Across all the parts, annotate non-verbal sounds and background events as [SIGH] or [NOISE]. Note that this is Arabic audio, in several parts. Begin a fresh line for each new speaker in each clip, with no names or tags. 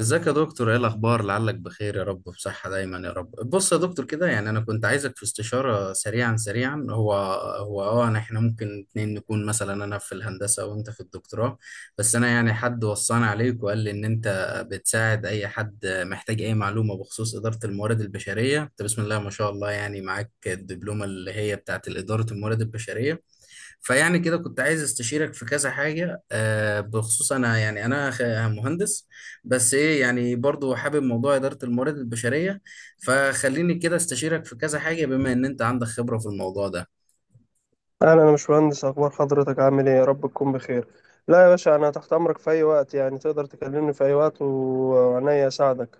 ازيك يا دكتور؟ ايه الاخبار؟ لعلك بخير يا رب، بصحة دايما يا رب. بص يا دكتور كده، يعني انا كنت عايزك في استشارة سريعا سريعا. احنا ممكن اتنين نكون، مثلا انا في الهندسة وانت في الدكتوراه، بس انا يعني حد وصاني عليك وقال لي ان انت بتساعد اي حد محتاج اي معلومة بخصوص إدارة الموارد البشرية. انت بسم الله ما شاء الله يعني معاك الدبلومة اللي هي بتاعت إدارة الموارد البشرية، فيعني كده كنت عايز استشيرك في كذا حاجة. بخصوص انا يعني انا خ- مهندس، بس ايه يعني برضو حابب موضوع إدارة الموارد البشرية، فخليني كده استشيرك في كذا حاجة بما ان انت عندك خبرة في الموضوع ده.
اهلا، انا مش مهندس. اخبار حضرتك؟ عامل ايه؟ يا رب تكون بخير. لا يا باشا، انا تحت امرك في اي وقت، يعني تقدر تكلمني في اي وقت وعينيا اساعدك.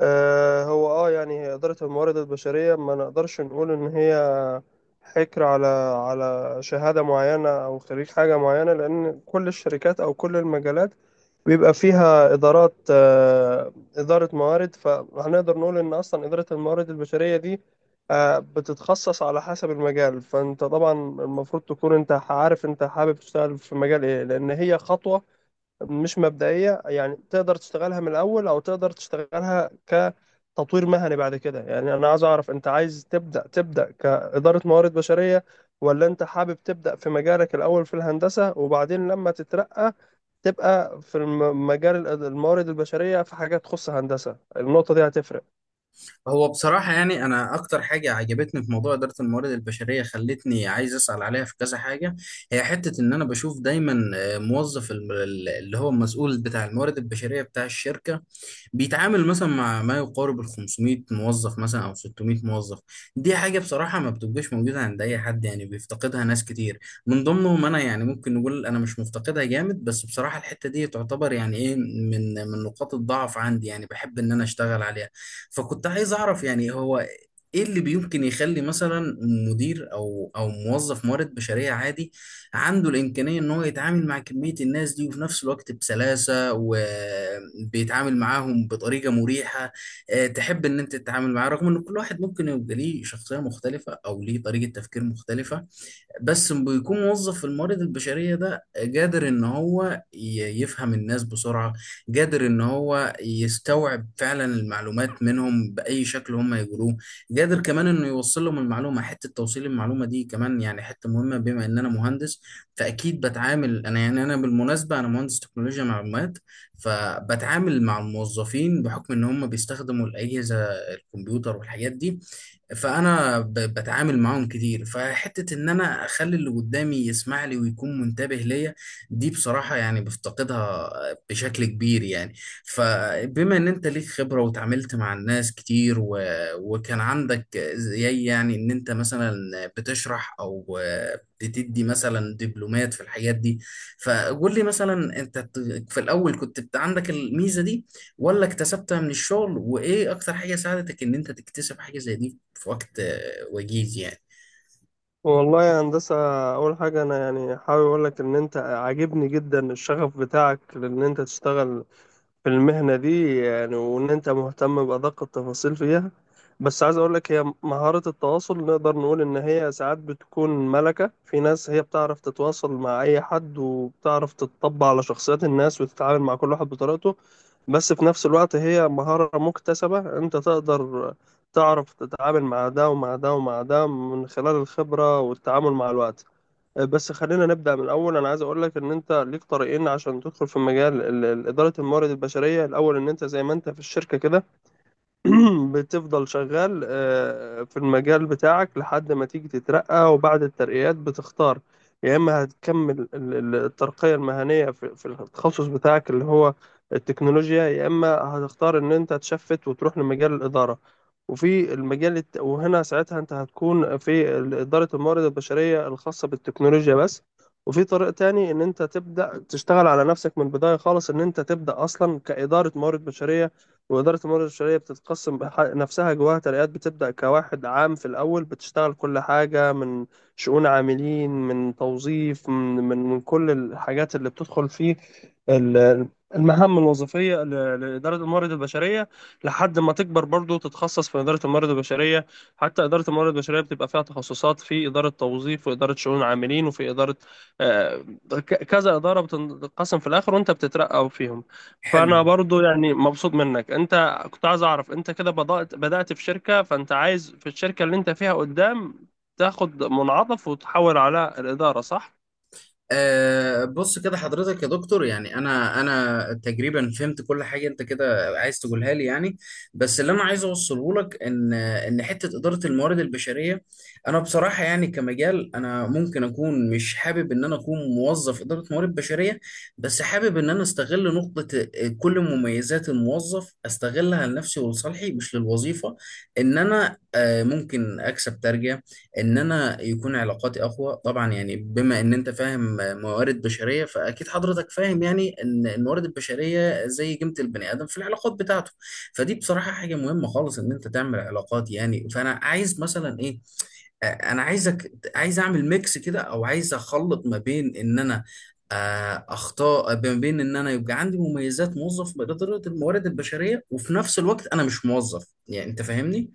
آه، هو يعني اداره الموارد البشريه ما نقدرش نقول ان هي حكر على شهاده معينه او خريج حاجه معينه، لان كل الشركات او كل المجالات بيبقى فيها إدارات، إدارة موارد، فهنقدر نقول إن أصلا إدارة الموارد البشرية دي بتتخصص على حسب المجال. فأنت طبعا المفروض تكون أنت عارف أنت حابب تشتغل في مجال إيه، لأن هي خطوة مش مبدئية، يعني تقدر تشتغلها من الأول أو تقدر تشتغلها كتطوير مهني بعد كده. يعني أنا عايز أعرف، أنت عايز تبدأ كإدارة موارد بشرية، ولا أنت حابب تبدأ في مجالك الأول في الهندسة وبعدين لما تترقى تبقى في مجال الموارد البشرية في حاجات تخص هندسة؟ النقطة دي هتفرق.
هو بصراحة يعني أنا أكتر حاجة عجبتني في موضوع إدارة الموارد البشرية خلتني عايز أسأل عليها في كذا حاجة، هي حتة إن أنا بشوف دايما موظف اللي هو المسؤول بتاع الموارد البشرية بتاع الشركة بيتعامل مثلا مع ما يقارب ال 500 موظف مثلا أو 600 موظف. دي حاجة بصراحة ما بتبقاش موجودة عند أي حد، يعني بيفتقدها ناس كتير، من ضمنهم أنا. يعني ممكن نقول أنا مش مفتقدها جامد، بس بصراحة الحتة دي تعتبر يعني إيه، من نقاط الضعف عندي، يعني بحب إن أنا أشتغل عليها. فكنت عايز اعرف يعني هو ايه اللي بيمكن يخلي مثلا مدير او موظف موارد بشريه عادي عنده الامكانيه ان هو يتعامل مع كميه الناس دي، وفي نفس الوقت بسلاسه وبيتعامل معاهم بطريقه مريحه، تحب ان انت تتعامل معاه، رغم ان كل واحد ممكن يبقى ليه شخصيه مختلفه او ليه طريقه تفكير مختلفه، بس بيكون موظف في الموارد البشرية ده قادر إن هو يفهم الناس بسرعة، قادر إن هو يستوعب فعلا المعلومات منهم بأي شكل هم يقولوه، قادر كمان إنه يوصل لهم المعلومة. حتة توصيل المعلومة دي كمان يعني حتة مهمة، بما إن أنا مهندس فأكيد بتعامل، أنا يعني أنا بالمناسبة أنا مهندس تكنولوجيا معلومات، فبتعامل مع الموظفين بحكم إن هم بيستخدموا الأجهزة الكمبيوتر والحاجات دي، بتعامل معاهم كتير. فحته ان انا اخلي اللي قدامي يسمع لي ويكون منتبه ليا، دي بصراحه يعني بفتقدها بشكل كبير يعني. فبما ان انت ليك خبره وتعاملت مع الناس كتير و... وكان عندك زي يعني ان انت مثلا بتشرح او بتدي مثلا دبلومات في الحاجات دي، فقول لي مثلا انت في الاول كنت عندك الميزه دي ولا اكتسبتها من الشغل، وايه اكتر حاجه ساعدتك ان انت تكتسب حاجه زي دي في وقت وجيز يعني.
والله يا هندسة، أول حاجة أنا يعني حابب أقول لك إن أنت عاجبني جدا الشغف بتاعك، لأن أنت تشتغل في المهنة دي يعني، وإن أنت مهتم بأدق التفاصيل فيها. بس عايز أقول لك، هي مهارة التواصل نقدر نقول إن هي ساعات بتكون ملكة في ناس، هي بتعرف تتواصل مع أي حد وبتعرف تتطبع على شخصيات الناس وتتعامل مع كل واحد بطريقته. بس في نفس الوقت هي مهارة مكتسبة، أنت تقدر تعرف تتعامل مع ده ومع ده ومع ده من خلال الخبرة والتعامل مع الوقت. بس خلينا نبدأ من الأول. أنا عايز أقول لك إن أنت ليك طريقين عشان تدخل في مجال إدارة الموارد البشرية. الأول إن أنت زي ما أنت في الشركة كده، [CLEARS THROAT] بتفضل شغال في المجال بتاعك لحد ما تيجي تترقى، وبعد الترقيات بتختار يا إما هتكمل الترقية المهنية في التخصص بتاعك اللي هو التكنولوجيا، يا إما هتختار إن أنت تشفت وتروح لمجال الإدارة. وفي المجال وهنا ساعتها أنت هتكون في إدارة الموارد البشرية الخاصة بالتكنولوجيا بس. وفي طريق تاني إن أنت تبدأ تشتغل على نفسك من البداية خالص، إن أنت تبدأ أصلا كإدارة موارد بشرية. وإدارة الموارد البشرية بتتقسم نفسها جواها ترقيات، بتبدأ كواحد عام في الأول، بتشتغل كل حاجة من شؤون عاملين، من توظيف، من كل الحاجات اللي بتدخل فيه ال- المهام الوظيفية لإدارة الموارد البشرية، لحد ما تكبر برضو تتخصص في إدارة الموارد البشرية. حتى إدارة الموارد البشرية بتبقى فيها تخصصات في إدارة توظيف وإدارة شؤون عاملين وفي إدارة، آه، كذا إدارة بتنقسم في الآخر وأنت بتترقى فيهم.
حلو.
فانا برضو يعني مبسوط منك. انت كنت عايز اعرف، انت كده بدأت في شركة، فانت عايز في الشركة اللي انت فيها قدام تاخد منعطف وتحول على الإدارة، صح؟
أه، بص كده حضرتك يا دكتور، يعني انا تقريبا فهمت كل حاجه انت كده عايز تقولها لي يعني، بس اللي انا عايز اوصله لك ان حته اداره الموارد البشريه، انا بصراحه يعني كمجال انا ممكن اكون مش حابب ان انا اكون موظف اداره موارد بشريه، بس حابب ان انا استغل نقطه كل مميزات الموظف استغلها لنفسي ولصالحي مش للوظيفه. ان انا ممكن اكسب ترجمه، ان انا يكون علاقاتي اقوى. طبعا يعني بما ان انت فاهم موارد بشريه فاكيد حضرتك فاهم يعني ان الموارد البشريه زي قيمه البني ادم في العلاقات بتاعته، فدي بصراحه حاجه مهمه خالص ان انت تعمل علاقات يعني. فانا عايز مثلا ايه، انا عايز اعمل ميكس كده او عايز اخلط ما بين ان انا اخطاء، ما بين ان انا يبقى عندي مميزات موظف بإدارة الموارد البشريه وفي نفس الوقت انا مش موظف. يعني انت فاهمني.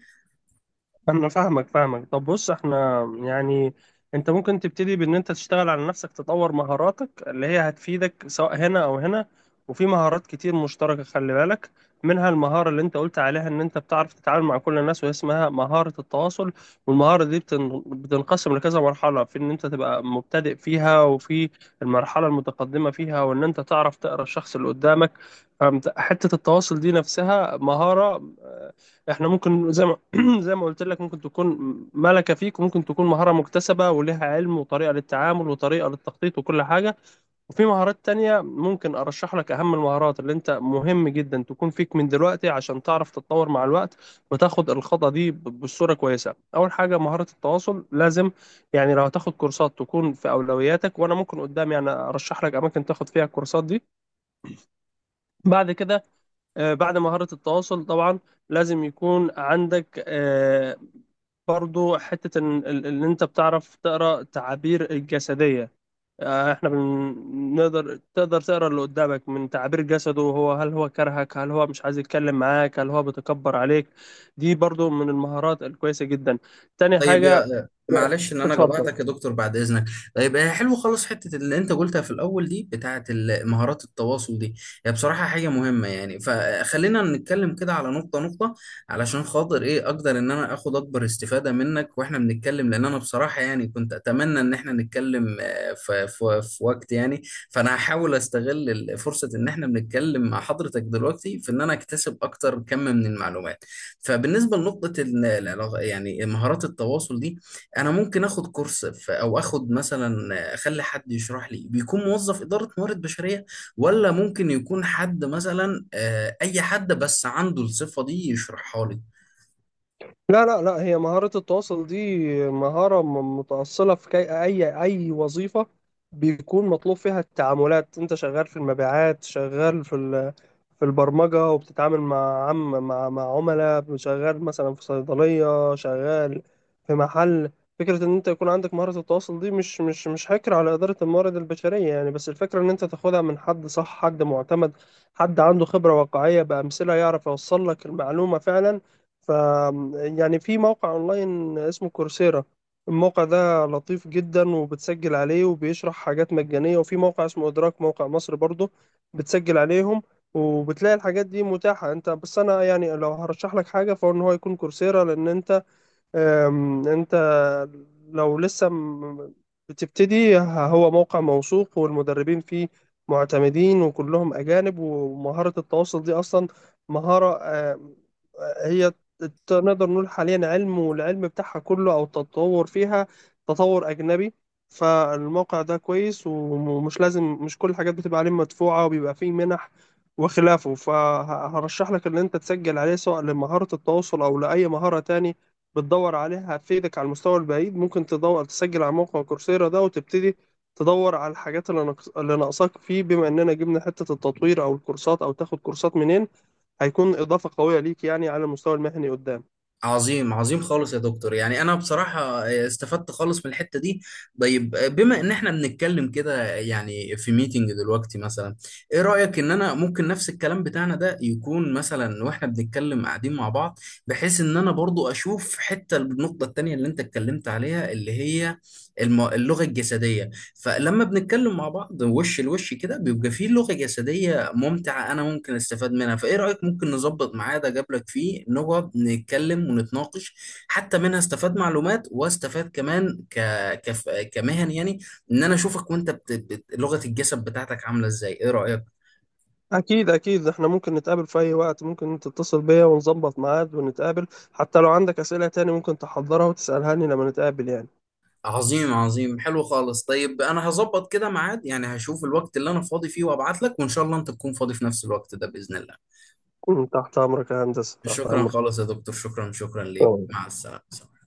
انا فاهمك فاهمك. طب بص، احنا يعني انت ممكن تبتدي بان انت تشتغل على نفسك، تطور مهاراتك اللي هي هتفيدك سواء هنا او هنا. وفي مهارات كتير مشتركة، خلي بالك منها المهارة اللي انت قلت عليها ان انت بتعرف تتعامل مع كل الناس، وهي اسمها مهارة التواصل. والمهارة دي بتنقسم لكذا مرحلة، في ان انت تبقى مبتدئ فيها، وفي المرحلة المتقدمة فيها، وان انت تعرف تقرأ الشخص اللي قدامك. فحتة التواصل دي نفسها مهارة، آه، احنا ممكن زي ما [CLEARS THROAT] زي ما قلت لك ممكن تكون ملكة فيك، وممكن تكون مهارة مكتسبة ولها علم وطريقة للتعامل وطريقة للتخطيط وكل حاجة. وفي مهارات تانية ممكن أرشح لك أهم المهارات اللي أنت مهم جدا تكون فيك من دلوقتي عشان تعرف تتطور مع الوقت، وتاخد الخطوة دي بصورة كويسة. أول حاجة مهارة التواصل، لازم يعني لو هتاخد كورسات تكون في أولوياتك، وأنا ممكن قدام يعني أرشح لك أماكن تاخد فيها الكورسات دي. بعد كده بعد مهارة التواصل طبعا لازم يكون عندك برضو حتة إن أنت بتعرف تقرأ تعابير الجسدية. إحنا تقدر تقرأ اللي قدامك من تعابير جسده، هل هو كرهك، هل هو مش عايز يتكلم معاك، هل هو بيتكبر عليك. دي برضو من المهارات الكويسة جدا. تاني
طيب
حاجة.
يا معلش ان انا
اتفضل.
جبعتك يا دكتور بعد اذنك. طيب حلو خالص. حته اللي انت قلتها في الاول دي بتاعه مهارات التواصل دي، هي بصراحه حاجه مهمه يعني، فخلينا نتكلم كده على نقطه نقطه، علشان خاطر ايه اقدر ان انا اخد اكبر استفاده منك واحنا بنتكلم، لان انا بصراحه يعني كنت اتمنى ان احنا نتكلم في في وقت يعني، فانا هحاول استغل فرصه ان احنا بنتكلم مع حضرتك دلوقتي في ان انا اكتسب اكتر كم من المعلومات. فبالنسبه لنقطه العلاقة يعني مهارات التواصل دي، انا ممكن اخد كورس او اخد مثلا اخلي حد يشرح لي بيكون موظف اداره موارد بشريه، ولا ممكن يكون حد مثلا اي حد بس عنده الصفه دي يشرحها لي؟
لا لا لا، هي مهارة التواصل دي مهارة متأصلة في كي أي وظيفة بيكون مطلوب فيها التعاملات. أنت شغال في المبيعات، شغال في في البرمجة وبتتعامل مع عم مع مع عملاء، شغال مثلا في صيدلية، شغال في محل. فكرة إن أنت يكون عندك مهارة التواصل دي مش حكر على إدارة الموارد البشرية يعني. بس الفكرة إن أنت تاخدها من حد صح، حد معتمد، حد عنده خبرة واقعية بأمثلة يعرف يوصل لك المعلومة فعلا. ف يعني في موقع اونلاين اسمه كورسيرا. الموقع ده لطيف جدا وبتسجل عليه وبيشرح حاجات مجانية. وفي موقع اسمه ادراك، موقع مصر برضو بتسجل عليهم، وبتلاقي الحاجات دي متاحة. انت بس انا يعني لو هرشح لك حاجة فهو ان هو يكون كورسيرا، لان انت انت لو لسه بتبتدي هو موقع موثوق، والمدربين فيه معتمدين وكلهم أجانب. ومهارة التواصل دي أصلا مهارة، أم، هي نقدر نقول حاليا علم، والعلم بتاعها كله أو التطور فيها تطور أجنبي. فالموقع ده كويس، ومش لازم مش كل الحاجات بتبقى عليه مدفوعة، وبيبقى فيه منح وخلافه. فهرشح لك إن أنت تسجل عليه سواء لمهارة التواصل أو لأي مهارة تاني بتدور عليها، هتفيدك على المستوى البعيد. ممكن تدور تسجل على موقع كورسيرا ده وتبتدي تدور على الحاجات اللي اللي ناقصاك فيه. بما اننا جبنا حتة التطوير او الكورسات او تاخد كورسات منين، هيكون اضافة قوية ليك يعني على المستوى المهني قدام.
عظيم، عظيم خالص يا دكتور. يعني انا بصراحة استفدت خالص من الحتة دي. طيب بما ان احنا بنتكلم كده يعني في ميتنج دلوقتي مثلا، ايه رأيك ان انا ممكن نفس الكلام بتاعنا ده يكون مثلا واحنا بنتكلم قاعدين مع بعض، بحيث ان انا برضو اشوف حتة النقطة التانية اللي انت اتكلمت عليها اللي هي اللغة الجسدية، فلما بنتكلم مع بعض وش لوش كده بيبقى فيه لغة جسدية ممتعة أنا ممكن أستفاد منها. فإيه رأيك؟ ممكن نظبط ميعاد أجابلك فيه نقعد نتكلم ونتناقش، حتى منها استفاد معلومات واستفاد كمان كمهن يعني، إن أنا أشوفك وأنت لغة الجسد بتاعتك عاملة إزاي. إيه رأيك؟
اكيد اكيد، احنا ممكن نتقابل في اي وقت، ممكن انت تتصل بيا ونظبط ميعاد ونتقابل، حتى لو عندك اسئلة تاني ممكن تحضرها وتسألها لي لما نتقابل يعني.
عظيم، عظيم، حلو خالص. طيب أنا هظبط كده ميعاد، يعني هشوف الوقت اللي أنا فاضي فيه وأبعت لك، وإن شاء الله أنت تكون فاضي في نفس الوقت ده بإذن الله.
تحت امرك يا هندسة، تحت
شكرا
امرك.
خالص يا دكتور، شكرا ليك.
تمام.
مع السلامة.